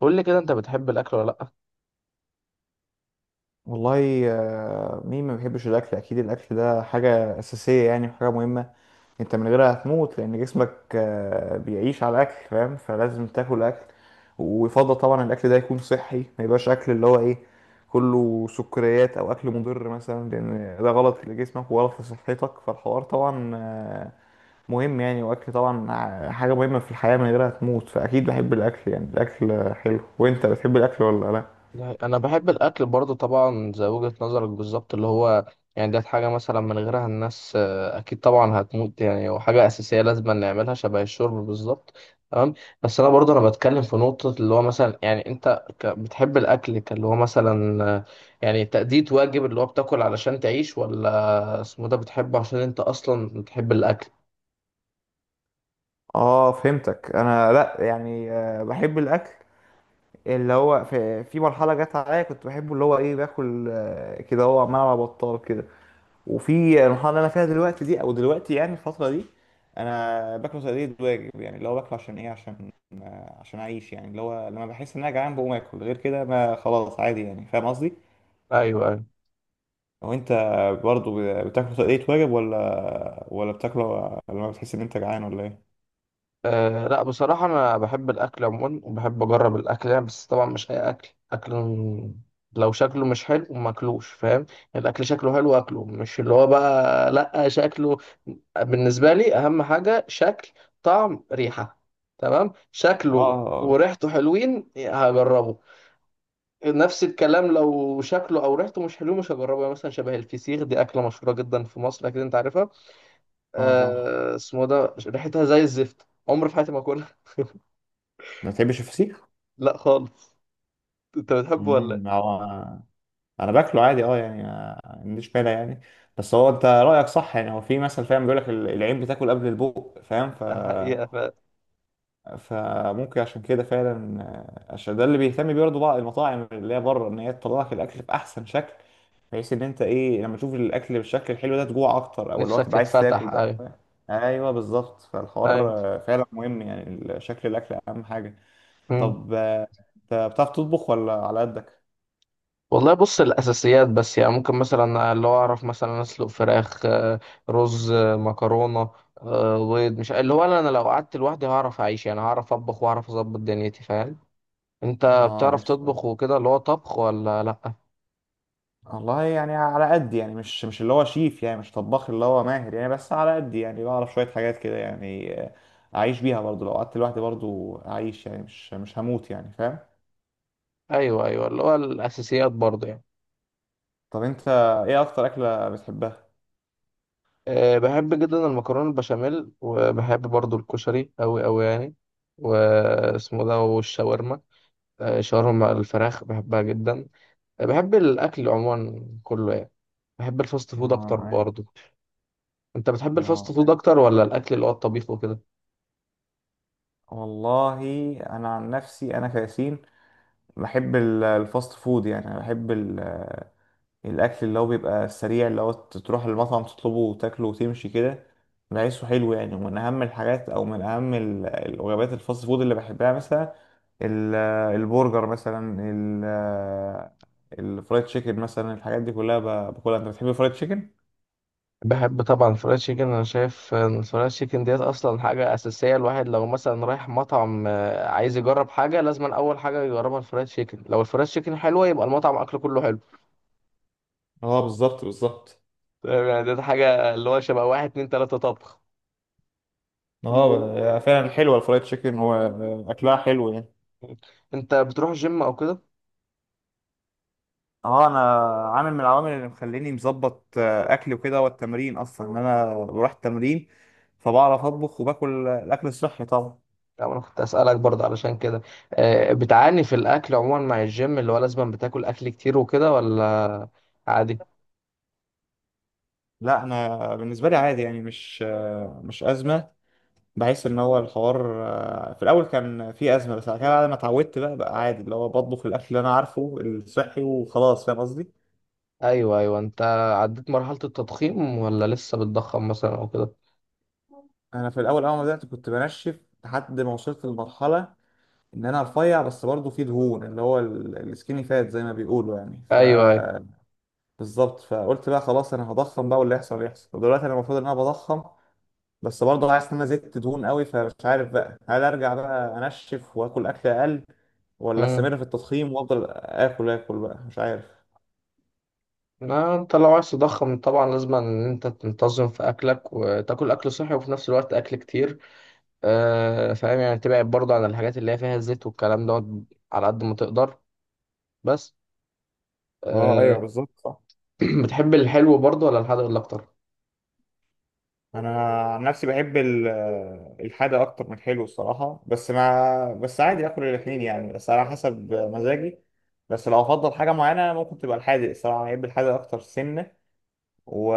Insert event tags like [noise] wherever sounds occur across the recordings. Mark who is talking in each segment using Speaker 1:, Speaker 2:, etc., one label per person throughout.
Speaker 1: قول لي كده، انت بتحب الاكل ولا لا؟
Speaker 2: والله مين ما بيحبش الاكل؟ اكيد الاكل ده حاجه اساسيه يعني وحاجه مهمه. انت من غيرها هتموت لان جسمك بيعيش على الاكل، فاهم؟ فلازم تاكل اكل، ويفضل طبعا الاكل ده يكون صحي، ما يبقاش اكل اللي هو ايه، كله سكريات او اكل مضر مثلا، لان ده غلط لجسمك وغلط لصحتك. فالحوار طبعا مهم يعني، واكل طبعا حاجه مهمه في الحياه، من غيرها هتموت. فاكيد بحب الاكل يعني، الاكل حلو. وانت بتحب الاكل ولا لا؟
Speaker 1: لا، انا بحب الاكل برضو طبعا، زي وجهة نظرك بالظبط. اللي هو يعني ده حاجة مثلا من غيرها الناس اكيد طبعا هتموت يعني، وحاجة اساسية لازم نعملها شبه الشرب بالظبط. تمام. بس انا برضو بتكلم في نقطة اللي هو مثلا، يعني انت بتحب الاكل كاللي هو مثلا يعني تأدية واجب، اللي هو بتاكل علشان تعيش، ولا اسمه ده بتحبه عشان انت اصلا بتحب الاكل؟
Speaker 2: اه فهمتك. انا لا يعني، بحب الاكل اللي هو في مرحله جت عليا كنت بحبه، اللي هو ايه، باكل كده، هو عمال على بطال كده. وفي المرحله اللي انا فيها دلوقتي دي، او دلوقتي يعني الفتره دي، انا باكله تقليد واجب يعني، اللي هو باكله عشان ايه، عشان عشان اعيش يعني. اللي هو لما بحس ان انا جعان بقوم اكل، غير كده ما خلاص عادي يعني، فاهم قصدي؟
Speaker 1: ايوه، ايوه.
Speaker 2: لو انت برضو بتاكله تقليد واجب، ولا بتاكله لما بتحس ان انت جعان، ولا ايه؟
Speaker 1: أه، لا، بصراحة أنا بحب الأكل عموما، وبحب أجرب الأكل يعني. بس طبعا مش أي أكل أكل. لو شكله مش حلو ماكلوش، فاهم؟ يعني الأكل شكله حلو أكله، مش اللي هو بقى لأ شكله. بالنسبة لي أهم حاجة شكل، طعم، ريحة. تمام، شكله
Speaker 2: اه،
Speaker 1: وريحته حلوين هجربه. نفس الكلام لو شكله أو ريحته مش حلو مش هجربه. يعني مثلا شبه الفسيخ، دي أكلة مشهورة جدا في مصر أكيد أنت عارفها.
Speaker 2: اه طبعا.
Speaker 1: أه، اسمه ده ريحتها زي الزفت، عمري في حياتي ما أكلها.
Speaker 2: ما تحبش الفسيخ؟
Speaker 1: لا خالص. انت بتحبه ولا إيه؟
Speaker 2: امم، هو انا باكله عادي اه يعني، ما عنديش مانع يعني. بس هو انت رايك صح يعني، هو في مثل فاهم بيقول لك العين بتاكل قبل البوق، فاهم؟ ف
Speaker 1: ده حقيقة فعلا.
Speaker 2: فممكن عشان كده فعلا عشان ده اللي بيهتم بيه برضه بقى المطاعم اللي هي بره، ان هي تطلع لك الاكل باحسن شكل، بحيث ان انت ايه، لما تشوف الاكل بالشكل الحلو ده تجوع اكتر، او اللي هو
Speaker 1: نفسك
Speaker 2: تبقى عايز تاكل
Speaker 1: تتفتح،
Speaker 2: بقى،
Speaker 1: ايوه.
Speaker 2: فاهم؟ ايوه بالظبط. فالحوار
Speaker 1: ايوه.
Speaker 2: فعلا مهم يعني، شكل الاكل اهم حاجه.
Speaker 1: مم.
Speaker 2: طب انت بتعرف تطبخ ولا على قدك؟
Speaker 1: والله بص، الاساسيات بس يعني. ممكن مثلا اللي هو اعرف مثلا اسلق فراخ، رز، مكرونة، بيض. مش اللي هو انا لو قعدت لوحدي هعرف اعيش يعني، هعرف اطبخ واعرف اظبط دنيتي، فاهم؟ انت
Speaker 2: اه،
Speaker 1: بتعرف تطبخ وكده، اللي هو طبخ ولا لا؟
Speaker 2: والله يعني على قد يعني، مش مش اللي هو شيف يعني، مش طباخ اللي هو ماهر يعني، بس على قد يعني بعرف شوية حاجات كده يعني أعيش بيها برضو. لو قعدت لوحدي برضو أعيش يعني، مش هموت يعني، فاهم؟
Speaker 1: ايوه، ايوه، اللي هو الاساسيات برضه يعني.
Speaker 2: طب أنت إيه أكتر أكلة بتحبها؟
Speaker 1: أه، بحب جدا المكرونة البشاميل، وبحب برضو الكشري أوي أوي يعني. واسمه ده، والشاورما. أه الشاورما مع الفراخ بحبها جدا. أه، بحب الأكل عموما كله يعني. بحب الفاست فود أكتر
Speaker 2: آه أي-
Speaker 1: برضو. أنت بتحب الفاست
Speaker 2: آه
Speaker 1: فود
Speaker 2: أي.
Speaker 1: أكتر ولا الأكل اللي هو الطبيخ وكده؟
Speaker 2: والله، أنا عن نفسي أنا كياسين بحب الفاست فود يعني. أنا بحب الاكل اللي هو بيبقى سريع، اللي هو تروح المطعم تطلبه وتاكله وتمشي كده، بحسه حلو يعني. ومن اهم الحاجات، او من اهم الوجبات الفاست فود اللي بحبها، مثلا ال- البرجر مثلا، الفرايد تشيكن مثلا، الحاجات دي كلها باكلها. انت بتحب الفرايد تشيكن؟
Speaker 1: بحب طبعا الفرايد تشيكن. أنا شايف إن الفرايد تشيكن ديت أصلا حاجة أساسية. الواحد لو مثلا رايح مطعم عايز يجرب حاجة، لازم أول حاجة يجربها الفرايد تشيكن. لو الفرايد تشيكن حلوة يبقى المطعم أكله كله حلو.
Speaker 2: اه بالظبط، بالظبط.
Speaker 1: تمام، يعني ده حاجة اللي هو شبه واحد اتنين تلاتة طبخ.
Speaker 2: هي اه فعلا، فعلا حلوه الفرايد تشيكن، واكلها حلو يعني.
Speaker 1: انت بتروح جيم او كده؟
Speaker 2: اه، انا عامل من العوامل اللي مخليني مظبط اكلي وكده هو التمرين، اصلا ان انا بروح التمرين، فبعرف اطبخ وباكل الاكل الصحي طبعا.
Speaker 1: يعني انا كنت اسألك برضه علشان كده. بتعاني في الاكل عموما مع الجيم، اللي هو لازم بتاكل اكل كتير وكده، ولا عادي؟
Speaker 2: لا انا بالنسبه لي عادي يعني، مش مش ازمه. بحس ان هو الحوار في الاول كان في ازمه، بس بعد كده، بعد ما اتعودت بقى، بقى عادي، اللي هو بطبخ الاكل اللي انا عارفه الصحي وخلاص، فاهم قصدي؟
Speaker 1: ايوه، ايوه. انت عديت مرحلة التضخيم ولا لسه بتضخم مثلا او كده؟
Speaker 2: انا في الاول، اول ما بدات كنت بنشف، لحد ما وصلت لمرحله ان انا رفيع، بس برضه في دهون، اللي هو السكيني فات زي ما بيقولوا يعني. ف
Speaker 1: ايوه، ايوه.
Speaker 2: بالظبط، فقلت بقى خلاص انا هضخم بقى، واللي يحصل يحصل. ودلوقتي انا المفروض ان انا بضخم، بس برضه عايز ان انا زدت دهون قوي، فمش عارف بقى هل ارجع بقى انشف واكل اكل اقل، ولا
Speaker 1: امم
Speaker 2: استمر في التضخيم وافضل اكل اكل بقى، مش عارف.
Speaker 1: لا، انت لو عايز تضخم طبعا لازم ان انت تنتظم في اكلك، وتاكل اكل صحي، وفي نفس الوقت اكل كتير. فاهم يعني، تبعد برضه عن الحاجات اللي هي فيها زيت والكلام دوت، على قد ما تقدر. بس
Speaker 2: اه ايوه
Speaker 1: أه.
Speaker 2: بالظبط، صح.
Speaker 1: [clears throat] بتحب الحلو برضه ولا الحادق ولا اكتر؟
Speaker 2: انا عن نفسي بحب الحادق اكتر من الحلو الصراحه، بس ما بس عادي اكل الاثنين يعني، بس على حسب مزاجي. بس لو افضل حاجه معينه ممكن تبقى الحادق الصراحه، بحب الحادق اكتر سنه، و...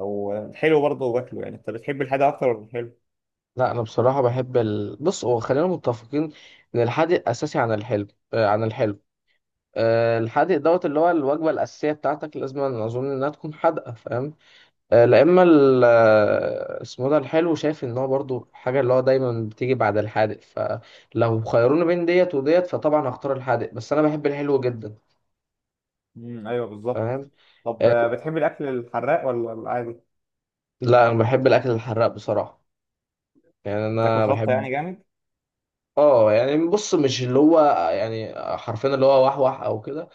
Speaker 2: والحلو برضه باكله يعني. انت بتحب الحادق اكتر ولا الحلو؟
Speaker 1: لا، انا بصراحه بحب بص هو خلينا متفقين ان الحادق اساسي عن الحلو. أه، عن الحلو. أه، الحادق دوت اللي هو الوجبه الاساسيه بتاعتك، لازم أنا اظن انها تكون حادقه، فاهم؟ أه لا، اما اسمه ده الحلو، شايف ان هو برضه حاجه اللي هو دايما بتيجي بعد الحادق، فلو خيروني بين ديت وديت فطبعا هختار الحادق، بس انا بحب الحلو جدا،
Speaker 2: ايوه بالظبط.
Speaker 1: فاهم؟
Speaker 2: طب
Speaker 1: أه
Speaker 2: بتحب الاكل الحراق ولا العادي؟
Speaker 1: لا، انا بحب الاكل الحراق بصراحه. يعني
Speaker 2: بتاكل
Speaker 1: انا
Speaker 2: شطه
Speaker 1: بحب.
Speaker 2: يعني جامد؟
Speaker 1: اه يعني بص، مش اللي هو يعني حرفيا اللي هو وحوح او كده،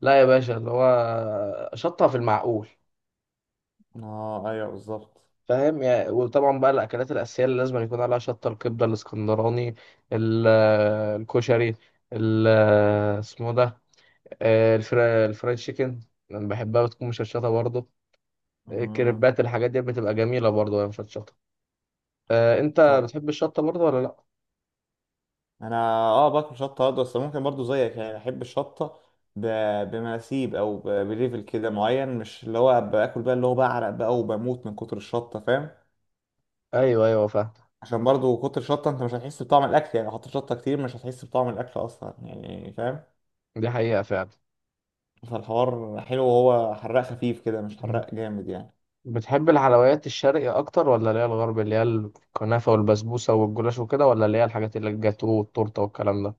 Speaker 1: لا يا باشا، اللي هو شطها في المعقول،
Speaker 2: اه ايوه بالظبط.
Speaker 1: فاهم يعني. وطبعا بقى الاكلات الاساسيه اللي لازم يكون عليها شطه، الكبده الاسكندراني، ال- الكشري، ال- اسمه ده الفرايد تشيكن، انا بحبها بتكون مشطشطه برضه.
Speaker 2: امم،
Speaker 1: الكريبات، الحاجات دي بتبقى جميله برضه وهي مشطشطه. انت
Speaker 2: طب
Speaker 1: بتحب الشطه برضه ولا لا؟
Speaker 2: انا اه باكل شطه برضه، بس ممكن برضه زيك يعني، احب الشطه ب... بمناسيب، او ب... بليفل كده معين، مش اللي هو باكل بقى اللي هو بعرق بقى وبموت من كتر الشطه، فاهم؟
Speaker 1: ايوه، ايوه، فاهم.
Speaker 2: عشان برضه كتر الشطه انت مش هتحس بطعم الاكل يعني، لو حطيت شطه كتير مش هتحس بطعم الاكل اصلا يعني، فاهم؟
Speaker 1: دي حقيقه فعلا.
Speaker 2: فالحوار حلو وهو حراق خفيف كده، مش حراق جامد يعني.
Speaker 1: بتحب الحلويات الشرقي اكتر، ولا اللي هي الغرب اللي هي الكنافه والبسبوسه والجلاش وكده، ولا اللي هي الحاجات اللي الجاتو والتورته والكلام ده؟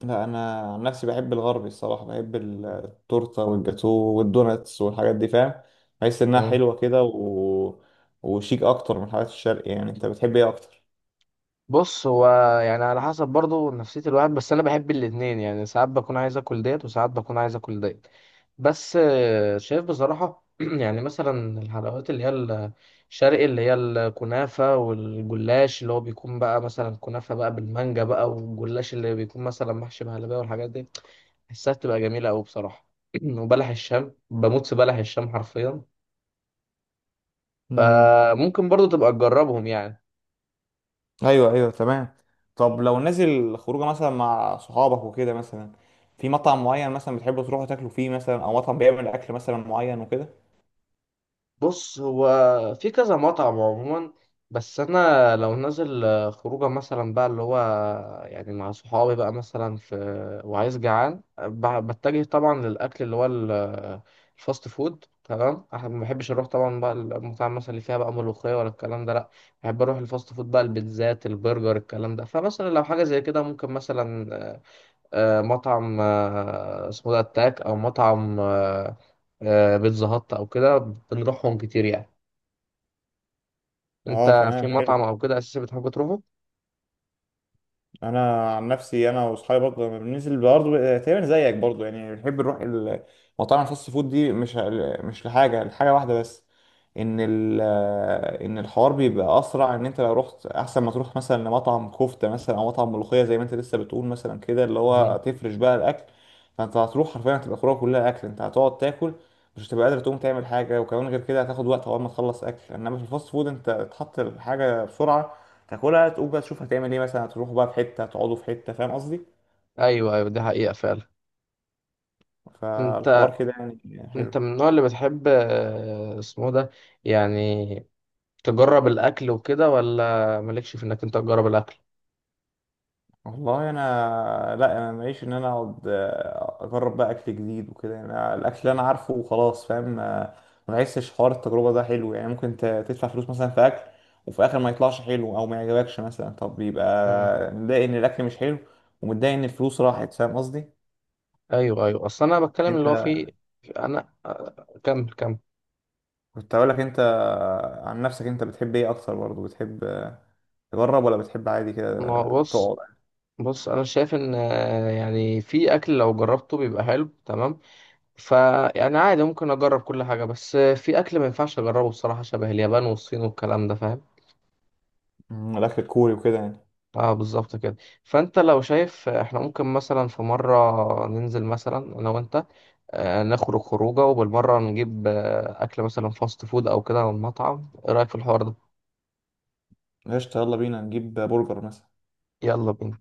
Speaker 2: لا انا عن نفسي بحب الغربي الصراحه، بحب التورته والجاتو والدوناتس والحاجات دي، فاهم؟ بحس انها
Speaker 1: مم.
Speaker 2: حلوه كده و... وشيك اكتر من الحاجات الشرقي يعني. انت بتحب ايه اكتر؟
Speaker 1: بص هو، يعني على حسب برضه نفسيه الواحد، بس انا بحب الاتنين يعني. ساعات بكون عايز اكل ديت، وساعات بكون عايز اكل ديت. بس شايف بصراحه [clears throat] يعني مثلا الحلويات اللي هي الشرقي، اللي هي الكنافه والجلاش، اللي هو بيكون بقى مثلا كنافه بقى بالمانجا بقى، والجلاش اللي بيكون مثلا محشي بهلبيه والحاجات دي، حسها بتبقى جميلة أوي بصراحة. [clears throat] وبلح الشام، بموت في بلح الشام حرفيا.
Speaker 2: امم،
Speaker 1: فممكن برضو تبقى تجربهم يعني.
Speaker 2: ايوه ايوه تمام. طب لو نازل خروجه مثلا مع صحابك وكده، مثلا في مطعم معين مثلا بتحبوا تروحوا تاكلوا فيه، مثلا او مطعم بيعمل اكل مثلا معين وكده؟
Speaker 1: بص هو في كذا مطعم عموما. بس انا لو نازل خروجه مثلا بقى اللي هو، يعني مع صحابي بقى مثلا، في وعايز جعان بتجه طبعا للاكل اللي هو الفاست فود. تمام، احنا ما بحبش اروح طبعا بقى المطاعم مثلا اللي فيها بقى ملوخيه ولا الكلام ده لا. بحب اروح الفاست فود بقى، البيتزات، البرجر، الكلام ده. فمثلا لو حاجه زي كده ممكن مثلا مطعم اسمه ده التاك، او مطعم بيتزا هات او كده، بنروحهم كتير يعني.
Speaker 2: اه
Speaker 1: انت في
Speaker 2: تمام، حلو.
Speaker 1: مطعم او كده اساسا بتحب تروحه؟
Speaker 2: انا عن نفسي انا واصحابي برضه لما بننزل برضه، تقريبا زيك برضه يعني، بنحب نروح مطاعم الفاست فود دي. مش مش لحاجه، واحده بس، ان ال ان الحوار بيبقى اسرع، ان انت لو رحت احسن ما تروح مثلا لمطعم كفته مثلا، او مطعم ملوخيه زي ما انت لسه بتقول مثلا كده، اللي هو
Speaker 1: مم.
Speaker 2: تفرش بقى الاكل، فانت هتروح حرفيا هتبقى خروجه كلها اكل، انت هتقعد تاكل، مش هتبقى قادر تقوم تعمل حاجه، وكمان غير كده هتاخد وقت اول ما تخلص اكل. انما في الفاست فود انت تحط الحاجه بسرعه، تاكلها تقوم بقى تشوف هتعمل ايه، مثلا هتروحوا بقى في حته، هتقعدوا في حته، فاهم قصدي؟
Speaker 1: ايوه، ايوه، دي حقيقة فعلا. انت
Speaker 2: فالحوار كده يعني
Speaker 1: انت
Speaker 2: حلو.
Speaker 1: من النوع اللي بتحب اسمه ده يعني تجرب الاكل وكده، ولا مالكش في انك انت تجرب الاكل؟
Speaker 2: والله انا لا، انا ماليش ان انا اقعد اجرب بقى اكل جديد وكده يعني، أنا الاكل اللي انا عارفه وخلاص، فاهم؟ ما بحسش حوار التجربه ده حلو يعني، ممكن تدفع فلوس مثلا في اكل وفي الاخر ما يطلعش حلو، او ما يعجبكش مثلا، طب
Speaker 1: مم.
Speaker 2: يبقى متضايق ان الاكل مش حلو، ومتضايق ان الفلوس راحت، فاهم قصدي؟
Speaker 1: ايوه، ايوه، اصل انا بتكلم اللي هو
Speaker 2: انت
Speaker 1: في انا كمل، كمل.
Speaker 2: كنت هقولك، انت عن نفسك انت بتحب ايه اكتر برضه، بتحب تجرب ولا بتحب عادي كده
Speaker 1: ما هو بص،
Speaker 2: تقعد؟
Speaker 1: انا شايف ان يعني في اكل لو جربته بيبقى حلو تمام، فيعني عادي ممكن اجرب كل حاجه، بس في اكل ما ينفعش اجربه بصراحه شبه اليابان والصين والكلام ده، فاهم؟
Speaker 2: مم، الاكل الكوري وكده يعني؟
Speaker 1: اه بالظبط كده. فانت لو شايف احنا ممكن مثلا في مره ننزل مثلا انا وانت، نخرج خروجه وبالمره نجيب اكل مثلا فاست فود او كده من مطعم، ايه رايك في الحوار ده؟
Speaker 2: قشطة، يلا بينا نجيب برجر مثلا.
Speaker 1: يلا بينا.